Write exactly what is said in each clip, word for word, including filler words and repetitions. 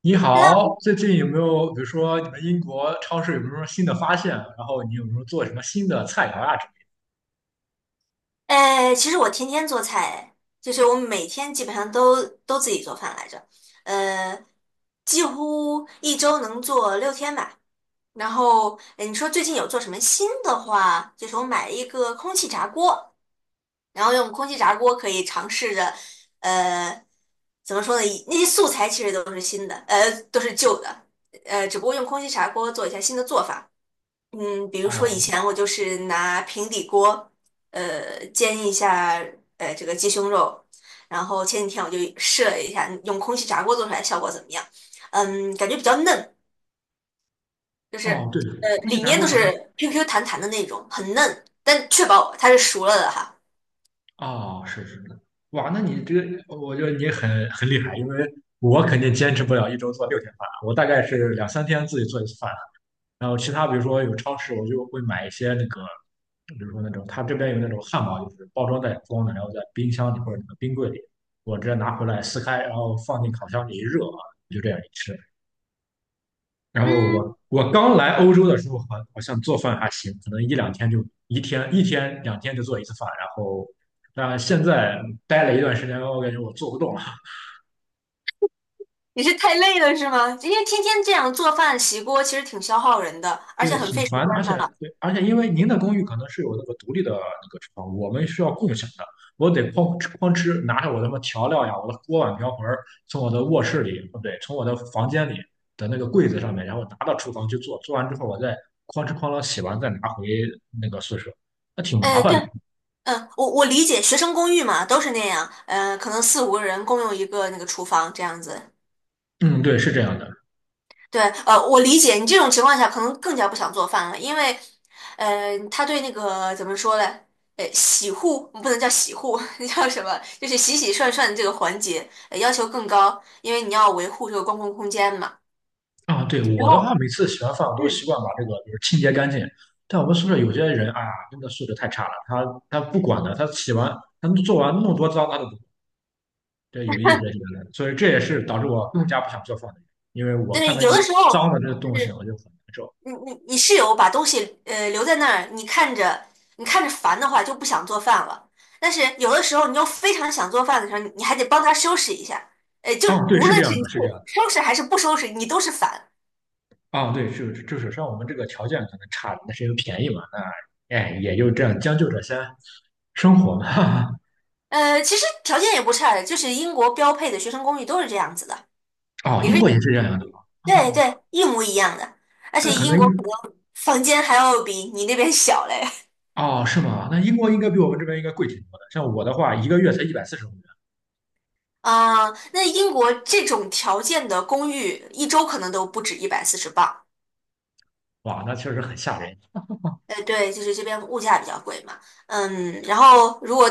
你那好，最近有没有，比如说你们英国超市有没有什么新的发现？然后你有没有做什么新的菜肴啊之类哎，其实我天天做菜，哎就是我每天基本上都都自己做饭来着，呃，几乎一周能做六天吧。然后，哎，你说最近有做什么新的话？就是我买了一个空气炸锅，然后用空气炸锅可以尝试着，呃，怎么说呢？以那些素材其实都是新的，呃，都是旧的，呃，只不过用空气炸锅做一下新的做法。嗯，比如的。说以哦前我就是拿平底锅，呃，煎一下，呃，这个鸡胸肉，然后前几天我就试了一下，用空气炸锅做出来效果怎么样？嗯，感觉比较嫩，就是哦，对。呃，空气里炸面锅都好像。是 Q Q 弹弹的那种，很嫩，但确保它是熟了的哈。哦，是是的。哇，那你这个，我觉得你很很厉害，因为我肯定坚持不了一周做六天饭，我大概是两三天自己做一次饭。然后其他比如说有超市，我就会买一些那个，比如说那种他这边有那种汉堡，就是包装袋装的，然后在冰箱里或者那个冰柜里，我直接拿回来撕开，然后放进烤箱里一热啊，就这样一吃。然后嗯，我我刚来欧洲的时候，好好像做饭还行，可能一两天就一天一天两天就做一次饭，然后但现在待了一段时间，我感觉我做不动了。你是太累了是吗？因为天天这样做饭洗锅其实挺消耗人的，而对，且很挺费时烦的，而间且的。对，而且因为您的公寓可能是有那个独立的那个厨房，我们需要共享的。我得哐哧哐哧拿着我的什么调料呀，我的锅碗瓢盆儿，从我的卧室里，不对，从我的房间里的那个柜子上面，然后拿到厨房去做，做完之后我再哐哧哐啷洗完再拿回那个宿舍，那挺麻哎，烦对，的。嗯，我我理解学生公寓嘛，都是那样，嗯，可能四五个人共用一个那个厨房这样子。嗯，对，是这样的。对，呃，我理解你这种情况下可能更加不想做饭了，因为，呃，他对那个怎么说呢？呃，洗护不能叫洗护，那叫什么？就是洗洗涮涮的这个环节，呃要求更高，因为你要维护这个公共空间嘛。啊，对，然我的话，后，每次洗完饭我都习嗯，惯把这个就是清洁干净。但我们宿舍有些人啊，真的素质太差了，他他不管的，他洗完他做完那么多脏，他都不管这有意思学的，所以这也是导致我更加不想做饭的原因，因为我看对，到一有些的时脏候。的这个就东西，是。我就很难受。你你你室友把东西呃留在那儿，你看着你看着烦的话就不想做饭了。但是有的时候你又非常想做饭的时候，你你还得帮他收拾一下。呃，就哦，对，无是这论是样你的，去是这样的。收拾还是不收拾，你都是烦。哦，对，就是就是像我们这个条件可能差，那是因为便宜嘛，那哎也就这样将就着先生活嘛。呃，其实条件也不差，的，就是英国标配的学生公寓都是这样子的，哦，也英是国也是这样的吗？对哦，对一模一样的。而但且可能英国可能房间还要比你那边小嘞。哦是吗？那英国应该比我嗯。们这边应该贵挺多的。像我的话，一个月才一百四十欧元。啊，那英国这种条件的公寓，一周可能都不止一百四十磅。哇，那确实很吓人。呃，对，就是这边物价比较贵嘛，嗯，然后如果，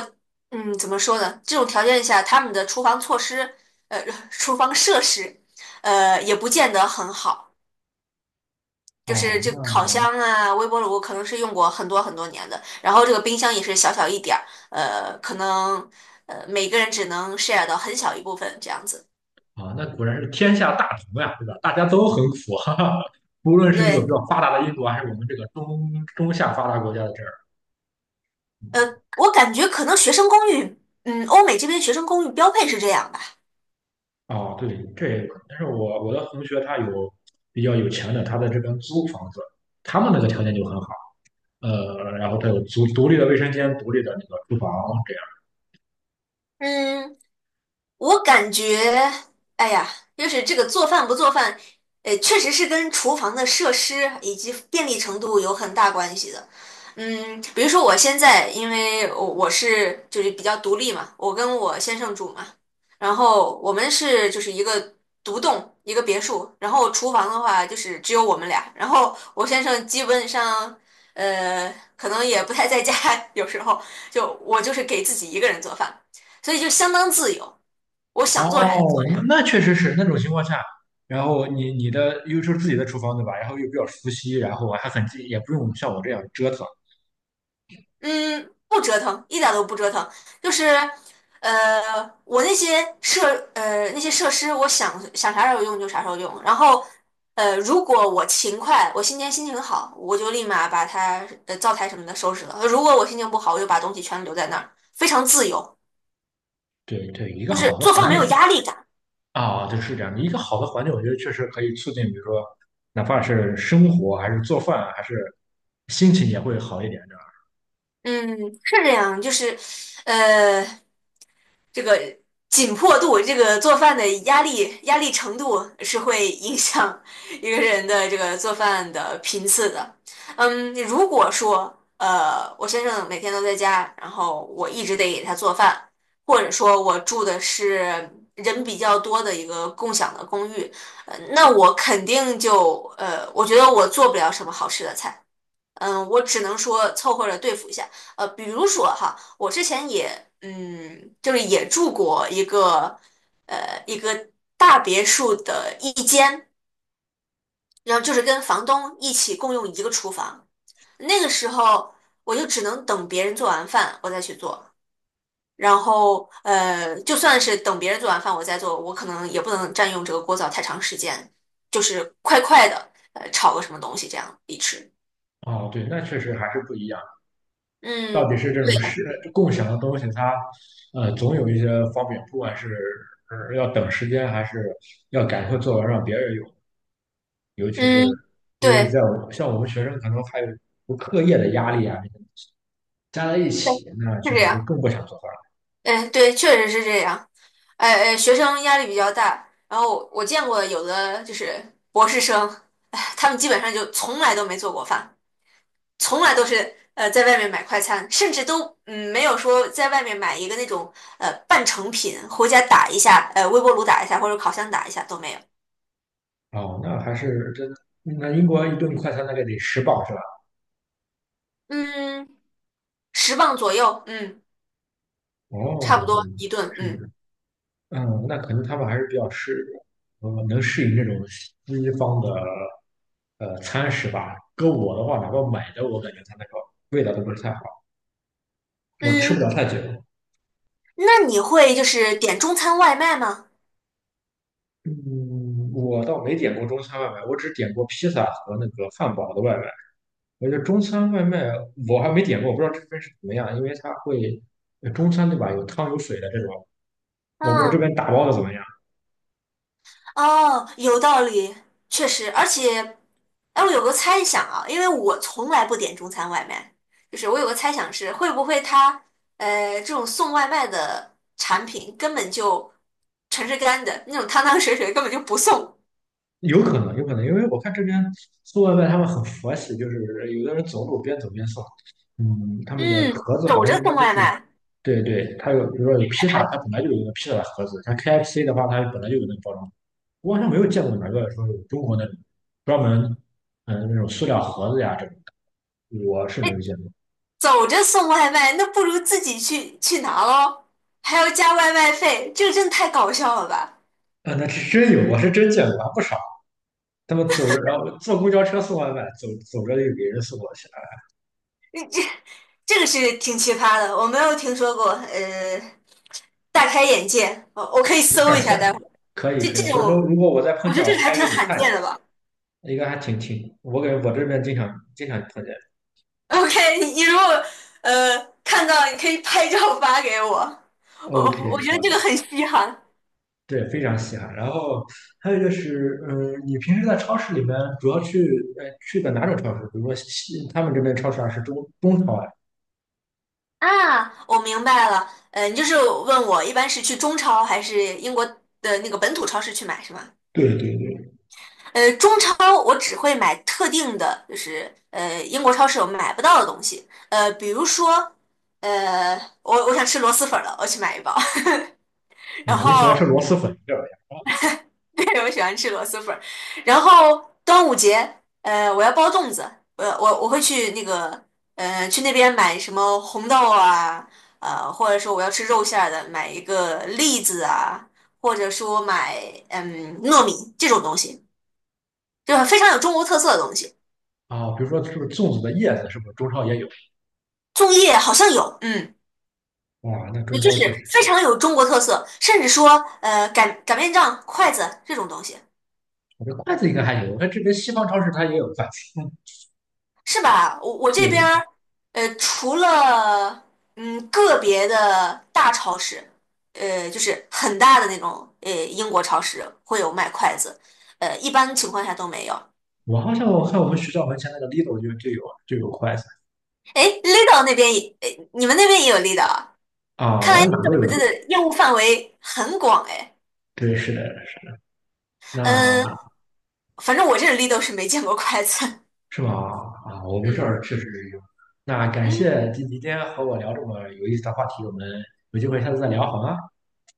嗯，怎么说呢？这种条件下，他们的厨房措施，呃，厨房设施，呃，也不见得很好。就是哦，这那个烤箱啊、微波炉可能是用过很多很多年的，然后这个冰箱也是小小一点儿，呃，可能呃每个人只能 share 到很小一部分这样子。啊，那果然是天下大同呀，对吧？大家都很苦，哈哈。无论是这个比对，较发达的印度，还是我们这个中中下发达国家的这儿。呃，我感觉可能学生公寓，嗯，欧美这边学生公寓标配是这样吧。哦，对，这也有可能。但是我我的同学他有比较有钱的，他在这边租房子，他们那个条件就很好。呃，然后他有独独立的卫生间、独立的那个厨房这样。嗯，我感觉，哎呀，就是这个做饭不做饭，呃，确实是跟厨房的设施以及便利程度有很大关系的。嗯，比如说我现在，因为我我是就是比较独立嘛，我跟我先生住嘛，然后我们是就是一个独栋一个别墅，然后厨房的话就是只有我们俩，然后我先生基本上呃可能也不太在家，有时候就我就是给自己一个人做饭，所以就相当自由。我想做啥就做哦，啥，那那确实是那种情况下，然后你你的又是自己的厨房对吧？然后又比较熟悉，然后还很近，也不用像我这样折腾。嗯，不折腾，一点都不折腾，就是，呃，我那些设呃那些设施，我想想啥时候用就啥时候用，然后，呃，如果我勤快，我今天心情好，我就立马把它呃灶台什么的收拾了；如果我心情不好，我就把东西全留在那儿，非常自由，对对，一个就是好的做环饭境没有是压力感。啊，对，是这样的。一个好的环境，我觉得确实可以促进，比如说，哪怕是生活，还是做饭，还是心情也会好一点，这嗯，是这样，就是，呃。这个紧迫度，这个做饭的压力压力程度是会影响一个人的这个做饭的频次的。嗯，如果说呃我先生每天都在家，然后我一直得给他做饭，或者说我住的是人比较多的一个共享的公寓，呃那我肯定就呃我觉得我做不了什么好吃的菜。嗯，我只能说凑合着对付一下。呃，比如说哈，我之前也嗯，就是也住过一个呃一个大别墅的一间，然后就是跟房东一起共用一个厨房。那个时候我就只能等别人做完饭我再去做，然后呃，就算是等别人做完饭我再做，我可能也不能占用这个锅灶太长时间，就是快快的呃炒个什么东西这样一吃。样。哦，对，那确实还是不一样。到底嗯，是这种对，是共享的东西，它呃总有一些方便，不管是呃要等时间，还是要赶快做完让别人用，尤其是嗯，因为在对。我像我们学生，可能还有课业的压力啊，加在一对，起，那确是这实就样，更不想做饭了。嗯，对，确实是这样。哎哎，学生压力比较大，然后我见过有的就是博士生，哎，他们基本上就从来都没做过饭，从来都是呃在外面买快餐，甚至都嗯没有说在外面买一个那种呃半成品回家打一下，呃微波炉打一下或者烤箱打一下都没有。哦，那还是真，那英国一顿快餐大概得十磅是吧？嗯，十磅左右，嗯，差不哦，对，多一顿，是这嗯样。嗯，那可能他们还是比较适，呃，能适应这种西方的呃餐食吧。搁我的话，哪怕买的，我感觉它那个味道都不是太好，我吃不嗯了太久。那你会就是点中餐外卖吗？嗯，我倒没点过中餐外卖，我只点过披萨和那个汉堡的外卖。我觉得中餐外卖我还没点过，我不知道这边是怎么样，因为它会呃中餐对吧？有汤有水的这种，我不知道这嗯。边打包的怎么样。哦，有道理，确实，而且，哎，我有个猜想啊，因为我从来不点中餐外卖，就是我有个猜想是，会不会他，呃，这种送外卖的产品根本就全是干的，那种汤汤水水根本就不送，有可能，有可能，因为我看这边送外卖他们很佛系，就是有的人走路边走边送。嗯，他们的嗯，盒子走好像着一送般都外是，卖，对对，它有，比如说有披萨，它本来就有那个披萨的盒子，像 K F C 的话，它本来就有那个包装。我好像没有见过哪个说有中国那种专门，嗯，那种塑料盒子呀这种，我是没哎，有见过。走着送外卖，那不如自己去去拿咯，还要加外卖费，这个真的太搞笑了吧？啊，那是真有，我是真见过，还不少。他们走着，然后坐公交车送外卖，走走着就给人送过去了。你这 这个是挺奇葩的，我没有听说过，呃。大开眼界。我我可以没事搜儿，一下，下待会儿可以这可以，这种，回头如果我再碰我觉见，得我这个还拍给挺你罕看。一见下。的吧。应该还挺挺，我感觉我这边经常经常碰见。OK,你你如果呃看到，你可以拍照发给我。我 OK，我觉得好这个的。很稀罕对，非常稀罕。然后还有就是，嗯，你平时在超市里面主要去，呃，去的哪种超市？比如说西，他们这边超市啊是中中超啊，啊。我明白了，呃，你就是问我一般是去中超还是英国的那个本土超市去买是吗？对对对。呃，中超我只会买特定的，就是呃英国超市我买不到的东西，呃，比如说。呃，我我想吃螺蛳粉了，我去买一包。然啊，你喜欢吃后 螺蛳粉这玩意儿 对，我喜欢吃螺蛳粉儿。然后端午节，呃，我要包粽子，我我我会去那个，呃，去那边买什么红豆啊，呃，或者说我要吃肉馅儿的，买一个栗子啊，或者说买嗯糯米这种东西，就是非常有中国特色的东西。啊？啊比如说是不是粽子的叶子，是不是中超也有？粽叶好像有，嗯，哇，那也中就超确是实，非常有中国特色，甚至说呃擀擀面杖、筷子这种东西。我这筷子应该还有，我看这边西方超市它也有筷子。是吧？我我对这边的，儿，呃，除了嗯个别的大超市，呃，就是很大的那种，呃，英国超市会有卖筷子，呃，一般情况下都没有。我好像我看我们学校门前那个 Lidl 就就有就有筷子哎，Lidl 那边也，呃你们那边也有 Lidl 啊？啊，看我来 哪都有 Lidl Lidl。的业务范围很广哎。对，是的。嗯，那反正我这 Lidl 是没见过筷子。是吗？啊，我们这嗯儿确实有。那感嗯谢今今天和我聊这么有意思的话题，我们有机会下次再聊，好吗？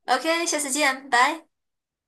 ，},OK,下次见，拜。